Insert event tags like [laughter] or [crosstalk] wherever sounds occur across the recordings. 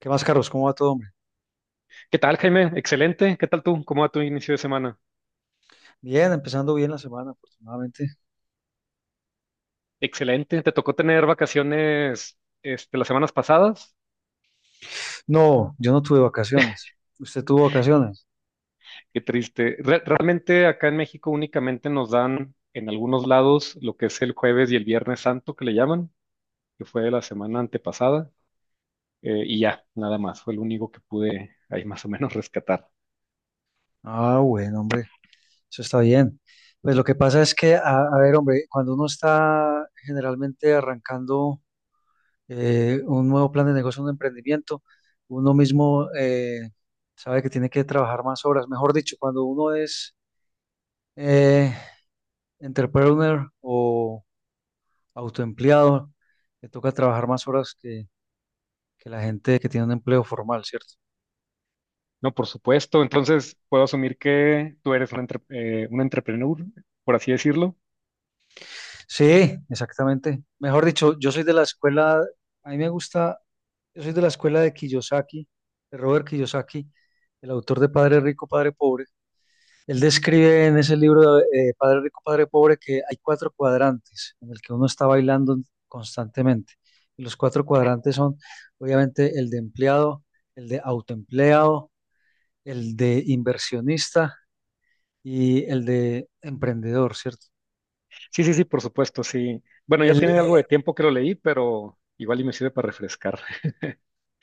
¿Qué más, Carlos? ¿Cómo va todo, hombre? ¿Qué tal, Jaime? Excelente. ¿Qué tal tú? ¿Cómo va tu inicio de semana? Bien, empezando bien la semana, afortunadamente. Excelente. ¿Te tocó tener vacaciones este, las semanas pasadas? No, yo no tuve vacaciones. ¿Usted tuvo vacaciones? Qué triste. Realmente acá en México únicamente nos dan en algunos lados lo que es el jueves y el viernes santo que le llaman, que fue la semana antepasada. Y ya, nada más. Fue el único que pude ahí más o menos rescatar. Ah, bueno, hombre, eso está bien. Pues lo que pasa es que, a ver, hombre, cuando uno está generalmente arrancando un nuevo plan de negocio, un emprendimiento, uno mismo sabe que tiene que trabajar más horas. Mejor dicho, cuando uno es eh, entrepreneur o autoempleado, le toca trabajar más horas que la gente que tiene un empleo formal, ¿cierto? No, por supuesto. Entonces, puedo asumir que tú eres un, un entrepreneur, por así decirlo. Sí, exactamente. Mejor dicho, yo soy de la escuela, a mí me gusta, yo soy de la escuela de Kiyosaki, de Robert Kiyosaki, el autor de Padre Rico, Padre Pobre. Él describe en ese libro Padre Rico, Padre Pobre que hay cuatro cuadrantes en el que uno está bailando constantemente. Y los cuatro cuadrantes son, obviamente, el de empleado, el de autoempleado, el de inversionista y el de emprendedor, ¿cierto? Sí, sí, sí, por supuesto, sí. Bueno, ya Él, tiene algo de tiempo que lo leí, pero igual y me sirve para refrescar. [laughs]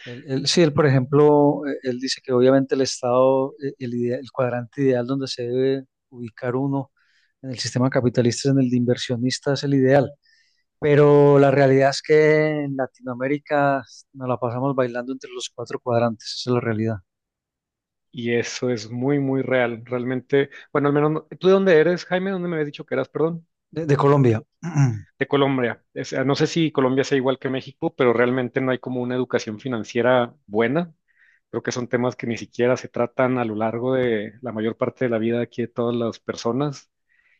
él, sí, él, por ejemplo, él dice que obviamente el cuadrante ideal donde se debe ubicar uno en el sistema capitalista, en el de inversionista, es el ideal. Pero la realidad es que en Latinoamérica nos la pasamos bailando entre los cuatro cuadrantes, esa es la realidad. Y eso es muy, muy real, realmente. Bueno, al menos, ¿tú de dónde eres, Jaime? ¿Dónde me habías dicho que eras? Perdón. De Colombia. [clears throat] De Colombia. O sea, no sé si Colombia sea igual que México, pero realmente no hay como una educación financiera buena. Creo que son temas que ni siquiera se tratan a lo largo de la mayor parte de la vida aquí de todas las personas,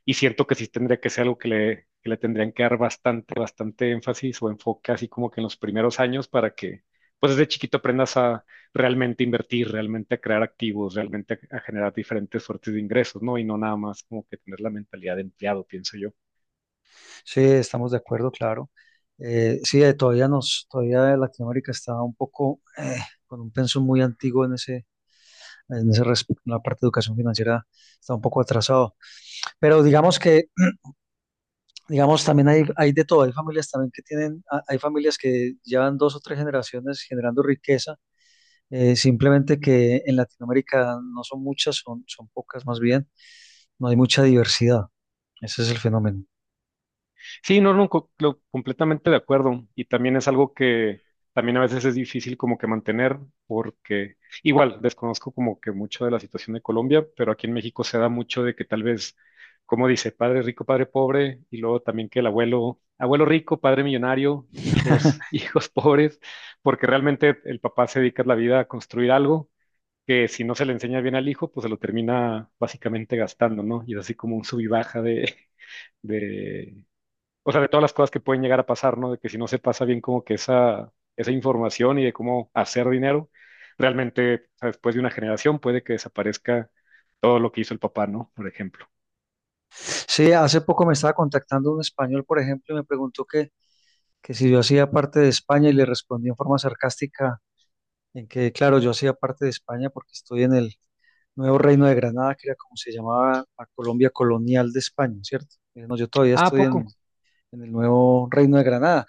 y siento que sí tendría que ser algo que le tendrían que dar bastante, bastante énfasis o enfoque así como que en los primeros años para que, pues desde chiquito, aprendas a realmente invertir, realmente a crear activos, realmente a generar diferentes suertes de ingresos, ¿no? Y no nada más como que tener la mentalidad de empleado, pienso yo. Sí, estamos de acuerdo, claro. Sí, todavía Latinoamérica está un poco con un pensum muy antiguo en ese respecto, en la parte de educación financiera está un poco atrasado. Pero digamos, también hay de todo. Hay familias también que hay familias que llevan dos o tres generaciones generando riqueza, simplemente que en Latinoamérica no son muchas, son pocas más bien, no hay mucha diversidad. Ese es el fenómeno. Sí, no, no, completamente de acuerdo. Y también es algo que también a veces es difícil como que mantener, porque igual desconozco como que mucho de la situación de Colombia, pero aquí en México se da mucho de que tal vez, como dice, padre rico, padre pobre, y luego también que el abuelo, abuelo rico, padre millonario, hijos, [laughs] [laughs] hijos pobres, porque realmente el papá se dedica la vida a construir algo que si no se le enseña bien al hijo, pues se lo termina básicamente gastando, ¿no? Y es así como un sub y baja de o sea, de todas las cosas que pueden llegar a pasar, ¿no? De que si no se pasa bien como que esa información y de cómo hacer dinero, realmente, o sea, después de una generación puede que desaparezca todo lo que hizo el papá, ¿no? Por ejemplo. Sí, hace poco me estaba contactando un español, por ejemplo, y me preguntó que si yo hacía parte de España y le respondí en forma sarcástica en que, claro, yo hacía parte de España porque estoy en el Nuevo Reino de Granada, que era como se llamaba la Colombia colonial de España, ¿cierto? No, yo todavía Ah, ¿a estoy en, poco? en el Nuevo Reino de Granada,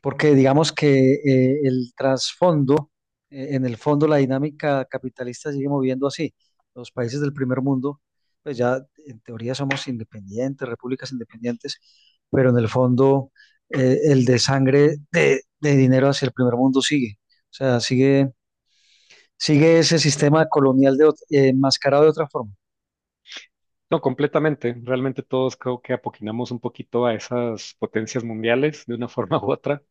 porque digamos que en el fondo la dinámica capitalista sigue moviendo así. Los países del primer mundo, pues ya en teoría somos independientes, repúblicas independientes, pero en el fondo el desangre de dinero hacia el primer mundo sigue. O sea, sigue ese sistema colonial enmascarado de otra forma. No, completamente. Realmente todos creo que apoquinamos un poquito a esas potencias mundiales de una [laughs] forma u otra.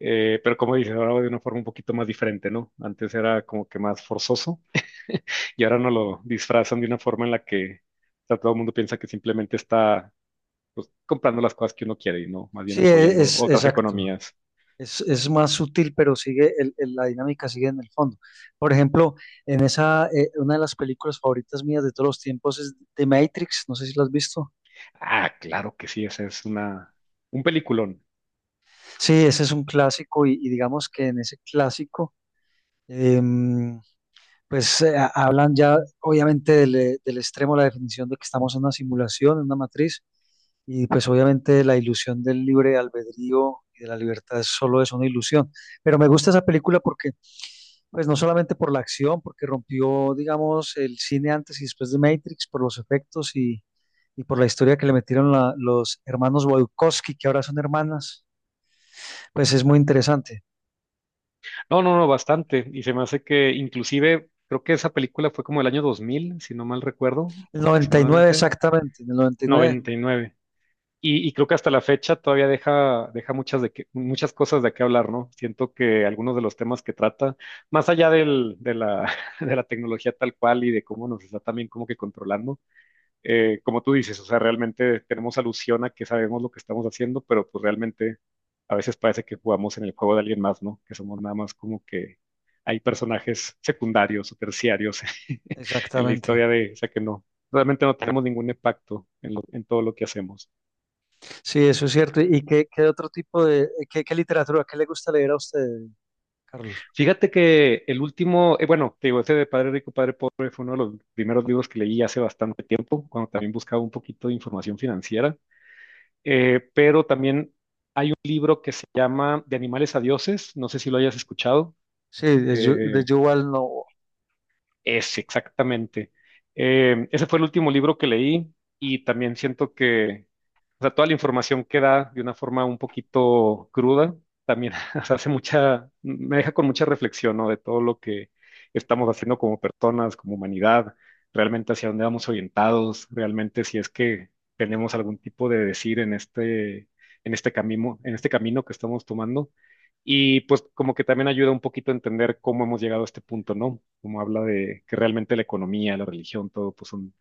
Pero como dices, ahora de una forma un poquito más diferente, ¿no? Antes era como que más forzoso y ahora no lo disfrazan de una forma en la que, o sea, todo el mundo piensa que simplemente está, pues, comprando las cosas que uno quiere y no más bien Sí, e- apoyando es, otras exacto. economías. Es más sutil, pero sigue la dinámica sigue en el fondo. Por ejemplo, una de las películas favoritas mías de todos los tiempos es The Matrix, no sé si lo has visto. Ah, claro que sí, esa es una, un peliculón. Sí, ese es un clásico y digamos que en ese clásico, em, pues hablan ya obviamente del extremo, la definición de que estamos en una simulación, en una matriz, y pues obviamente la ilusión del libre albedrío y de la libertad es solo es una ilusión. Pero me gusta esa película porque pues no solamente por la acción, porque rompió, digamos, el cine antes y después de Matrix, por los efectos y por la historia que le metieron los hermanos Wachowski, que ahora son hermanas, pues es muy interesante. No, no, no, bastante. Y se me hace que inclusive creo que esa película fue como el año 2000 si no mal recuerdo, El 99, aproximadamente. exactamente, en el 99, 99. Y, nueve. Y creo que hasta la fecha todavía deja, muchas cosas de qué hablar, ¿no? Siento que algunos de los temas que trata, más allá [laughs] de la tecnología tal cual y de cómo nos está también como que controlando, como tú dices, o sea, realmente tenemos alusión a que sabemos lo que estamos haciendo, pero pues realmente a veces parece que jugamos en el juego de alguien más, ¿no? Que somos nada más como que hay personajes secundarios o terciarios [laughs] en la exactamente. historia de, o sea, que no, realmente no tenemos ningún impacto en, en todo lo que hacemos. Sí, eso es cierto. ¿Y qué otro tipo qué literatura, qué le gusta leer a usted, Carlos? Fíjate que el último, bueno, te digo, ese de Padre Rico, Padre Pobre fue uno de los primeros libros que leí hace bastante tiempo, cuando también buscaba un poquito de información financiera. Pero también hay un libro que se llama De animales a dioses, no sé si lo hayas escuchado. Sí, de Eh, Yuval Noah. es exactamente. Ese fue el último libro que leí y también siento que, o sea, toda la información que da de una forma un poquito cruda, también [laughs] o sea, hace mucha, me deja con mucha reflexión, ¿no? De todo lo que estamos haciendo como personas, como humanidad, realmente hacia dónde vamos orientados, realmente si es que tenemos algún tipo de decir en este camino que estamos tomando. Y pues como que también ayuda un poquito a entender cómo hemos llegado a este punto, ¿no? Como habla de que realmente la economía, la religión, todo pues son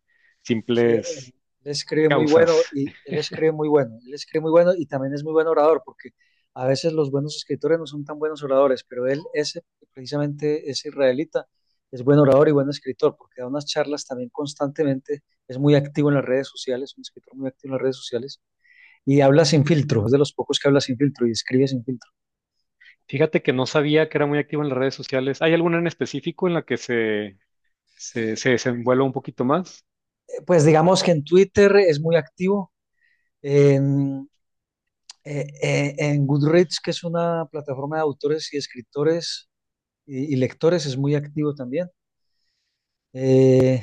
Sí, él, simples él escribe muy bueno causas. y él escribe muy bueno, él escribe muy bueno y también es muy buen orador, porque a veces los buenos escritores no son tan buenos oradores, pero precisamente ese israelita, es buen orador y buen escritor, porque da unas charlas también constantemente, es muy activo en las redes sociales, un escritor muy activo en las redes sociales, y habla sin filtro, es de los pocos que habla sin filtro y escribe sin filtro. Fíjate que no sabía que era muy activo en las redes sociales. ¿Hay alguna en específico en la que se desenvuelva un poquito más? Pues digamos que en Twitter es muy activo, en, en Goodreads, que es una plataforma de autores y escritores, y lectores es muy activo también. Eh,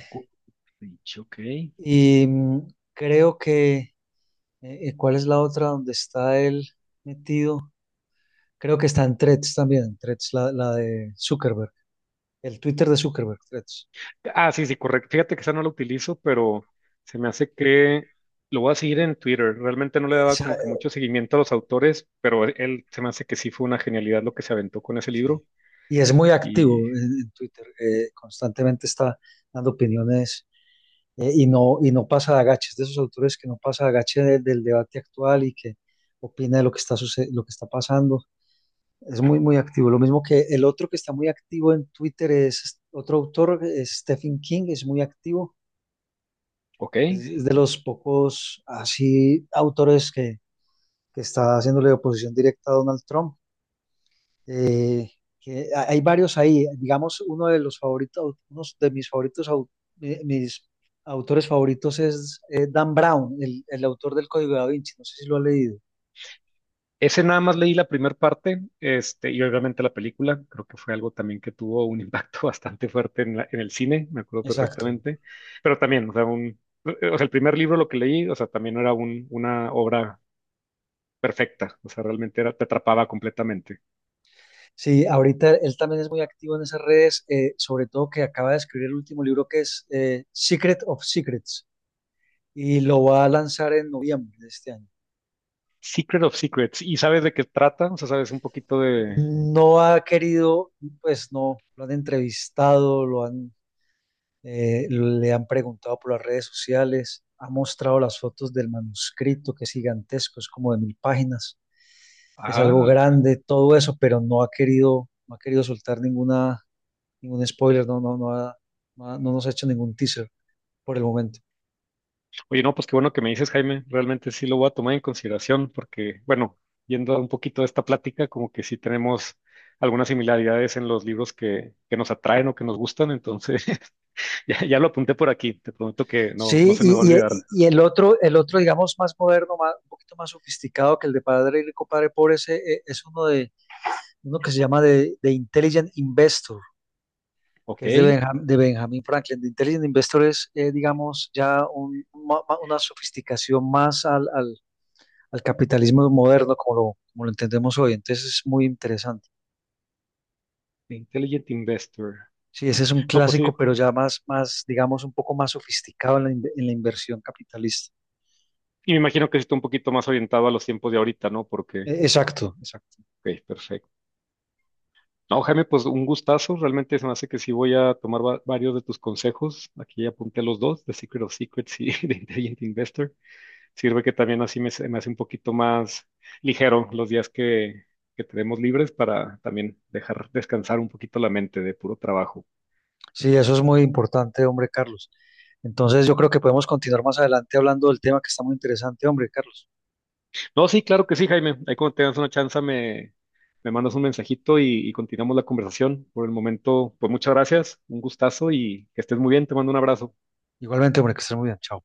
Goodreads, ok. y mm, Creo que, ¿cuál es la otra donde está él metido? Creo que está en Threads también, en Threads, la de Zuckerberg, el Twitter de Zuckerberg, Threads. Ah, sí, sí, correcto. Fíjate que esa no la utilizo, pero se me hace que lo voy a seguir en Twitter. Realmente no le daba Esa, como que mucho eh, seguimiento a los autores, pero él se me hace que sí fue una genialidad lo que se aventó con ese sí. libro. Y es muy Y, activo en Twitter, constantemente está dando opiniones y no pasa de agache, es de esos autores que no pasa de agache del debate actual y que opina de lo que está pasando. Es muy, muy activo. Lo mismo que el otro que está muy activo en Twitter es otro autor, es Stephen King, es muy activo. ok. Es de los pocos así autores que está haciéndole oposición directa a Donald Trump. Eh, que hay varios ahí. Digamos, uno de los favoritos, uno de mis favoritos, mis autores favoritos es Dan Brown, el autor del Código da Vinci. No sé si lo ha leído. Ese nada más leí la primera parte, este, y obviamente la película, creo que fue algo también que tuvo un impacto [laughs] bastante fuerte en, en el cine, me acuerdo Exacto. perfectamente, pero también, o sea, un, o sea, el primer libro lo que leí, o sea, también no era un, una obra perfecta, o sea, realmente era, te atrapaba completamente. Sí, ahorita él también es muy activo en esas redes, sobre todo que acaba de escribir el último libro que es Secret of Secrets y lo va a lanzar en noviembre de este año. Secret of Secrets, ¿y sabes de qué trata? O sea, sabes un poquito de... No ha querido, pues no, lo han entrevistado, le han preguntado por las redes sociales, ha mostrado las fotos del manuscrito que es gigantesco, es como de mil páginas, es Ah, algo Wow, grande, todo eso, pero no ha querido, no ha querido soltar ningún spoiler, no nos ha hecho ningún teaser por el momento. oye, no, pues qué bueno que me dices, Jaime. Realmente sí lo voy a tomar en consideración porque, bueno, yendo a un poquito de esta plática, como que sí tenemos algunas similaridades en los libros que nos atraen o que nos gustan. Entonces, [laughs] ya, ya lo apunté por aquí. Te prometo que no, no Sí, se me va a y, y- olvidar. y el otro, digamos, más moderno, más, un poquito más sofisticado que el de Padre Rico, Padre Pobre, es uno que se llama de Intelligent Investor, Ok, que es de Benjamin Franklin. De Intelligent Investor es, digamos, ya una sofisticación más al capitalismo moderno, como lo entendemos hoy. Entonces es muy interesante. The Intelligent Investor. Sí, ese es un No, pues clásico, sí. pero ya más, más, digamos, un poco más sofisticado en la inversión capitalista. Y me imagino que sí está un poquito más orientado a los tiempos de ahorita, ¿no? Porque, Exacto, exacto. ok, perfecto. No, Jaime, pues un gustazo. Realmente se me hace que sí voy a tomar varios de tus consejos. Aquí ya apunté los dos, de Secret of Secrets y [laughs] de Intelligent Investor. Sirve que también así me, se me hace un poquito más ligero los días que tenemos libres para también dejar descansar un poquito la mente de puro trabajo. Sí, eso es muy importante, hombre, Carlos. Entonces, yo creo que podemos continuar más adelante hablando del tema que está muy interesante, hombre, Carlos. No, sí, claro que sí, Jaime. Ahí cuando tengas una chance me, me mandas un mensajito y continuamos la conversación. Por el momento, pues muchas gracias, un gustazo y que estés muy bien. Te mando un abrazo. Igualmente, hombre, que estés muy bien. Chao.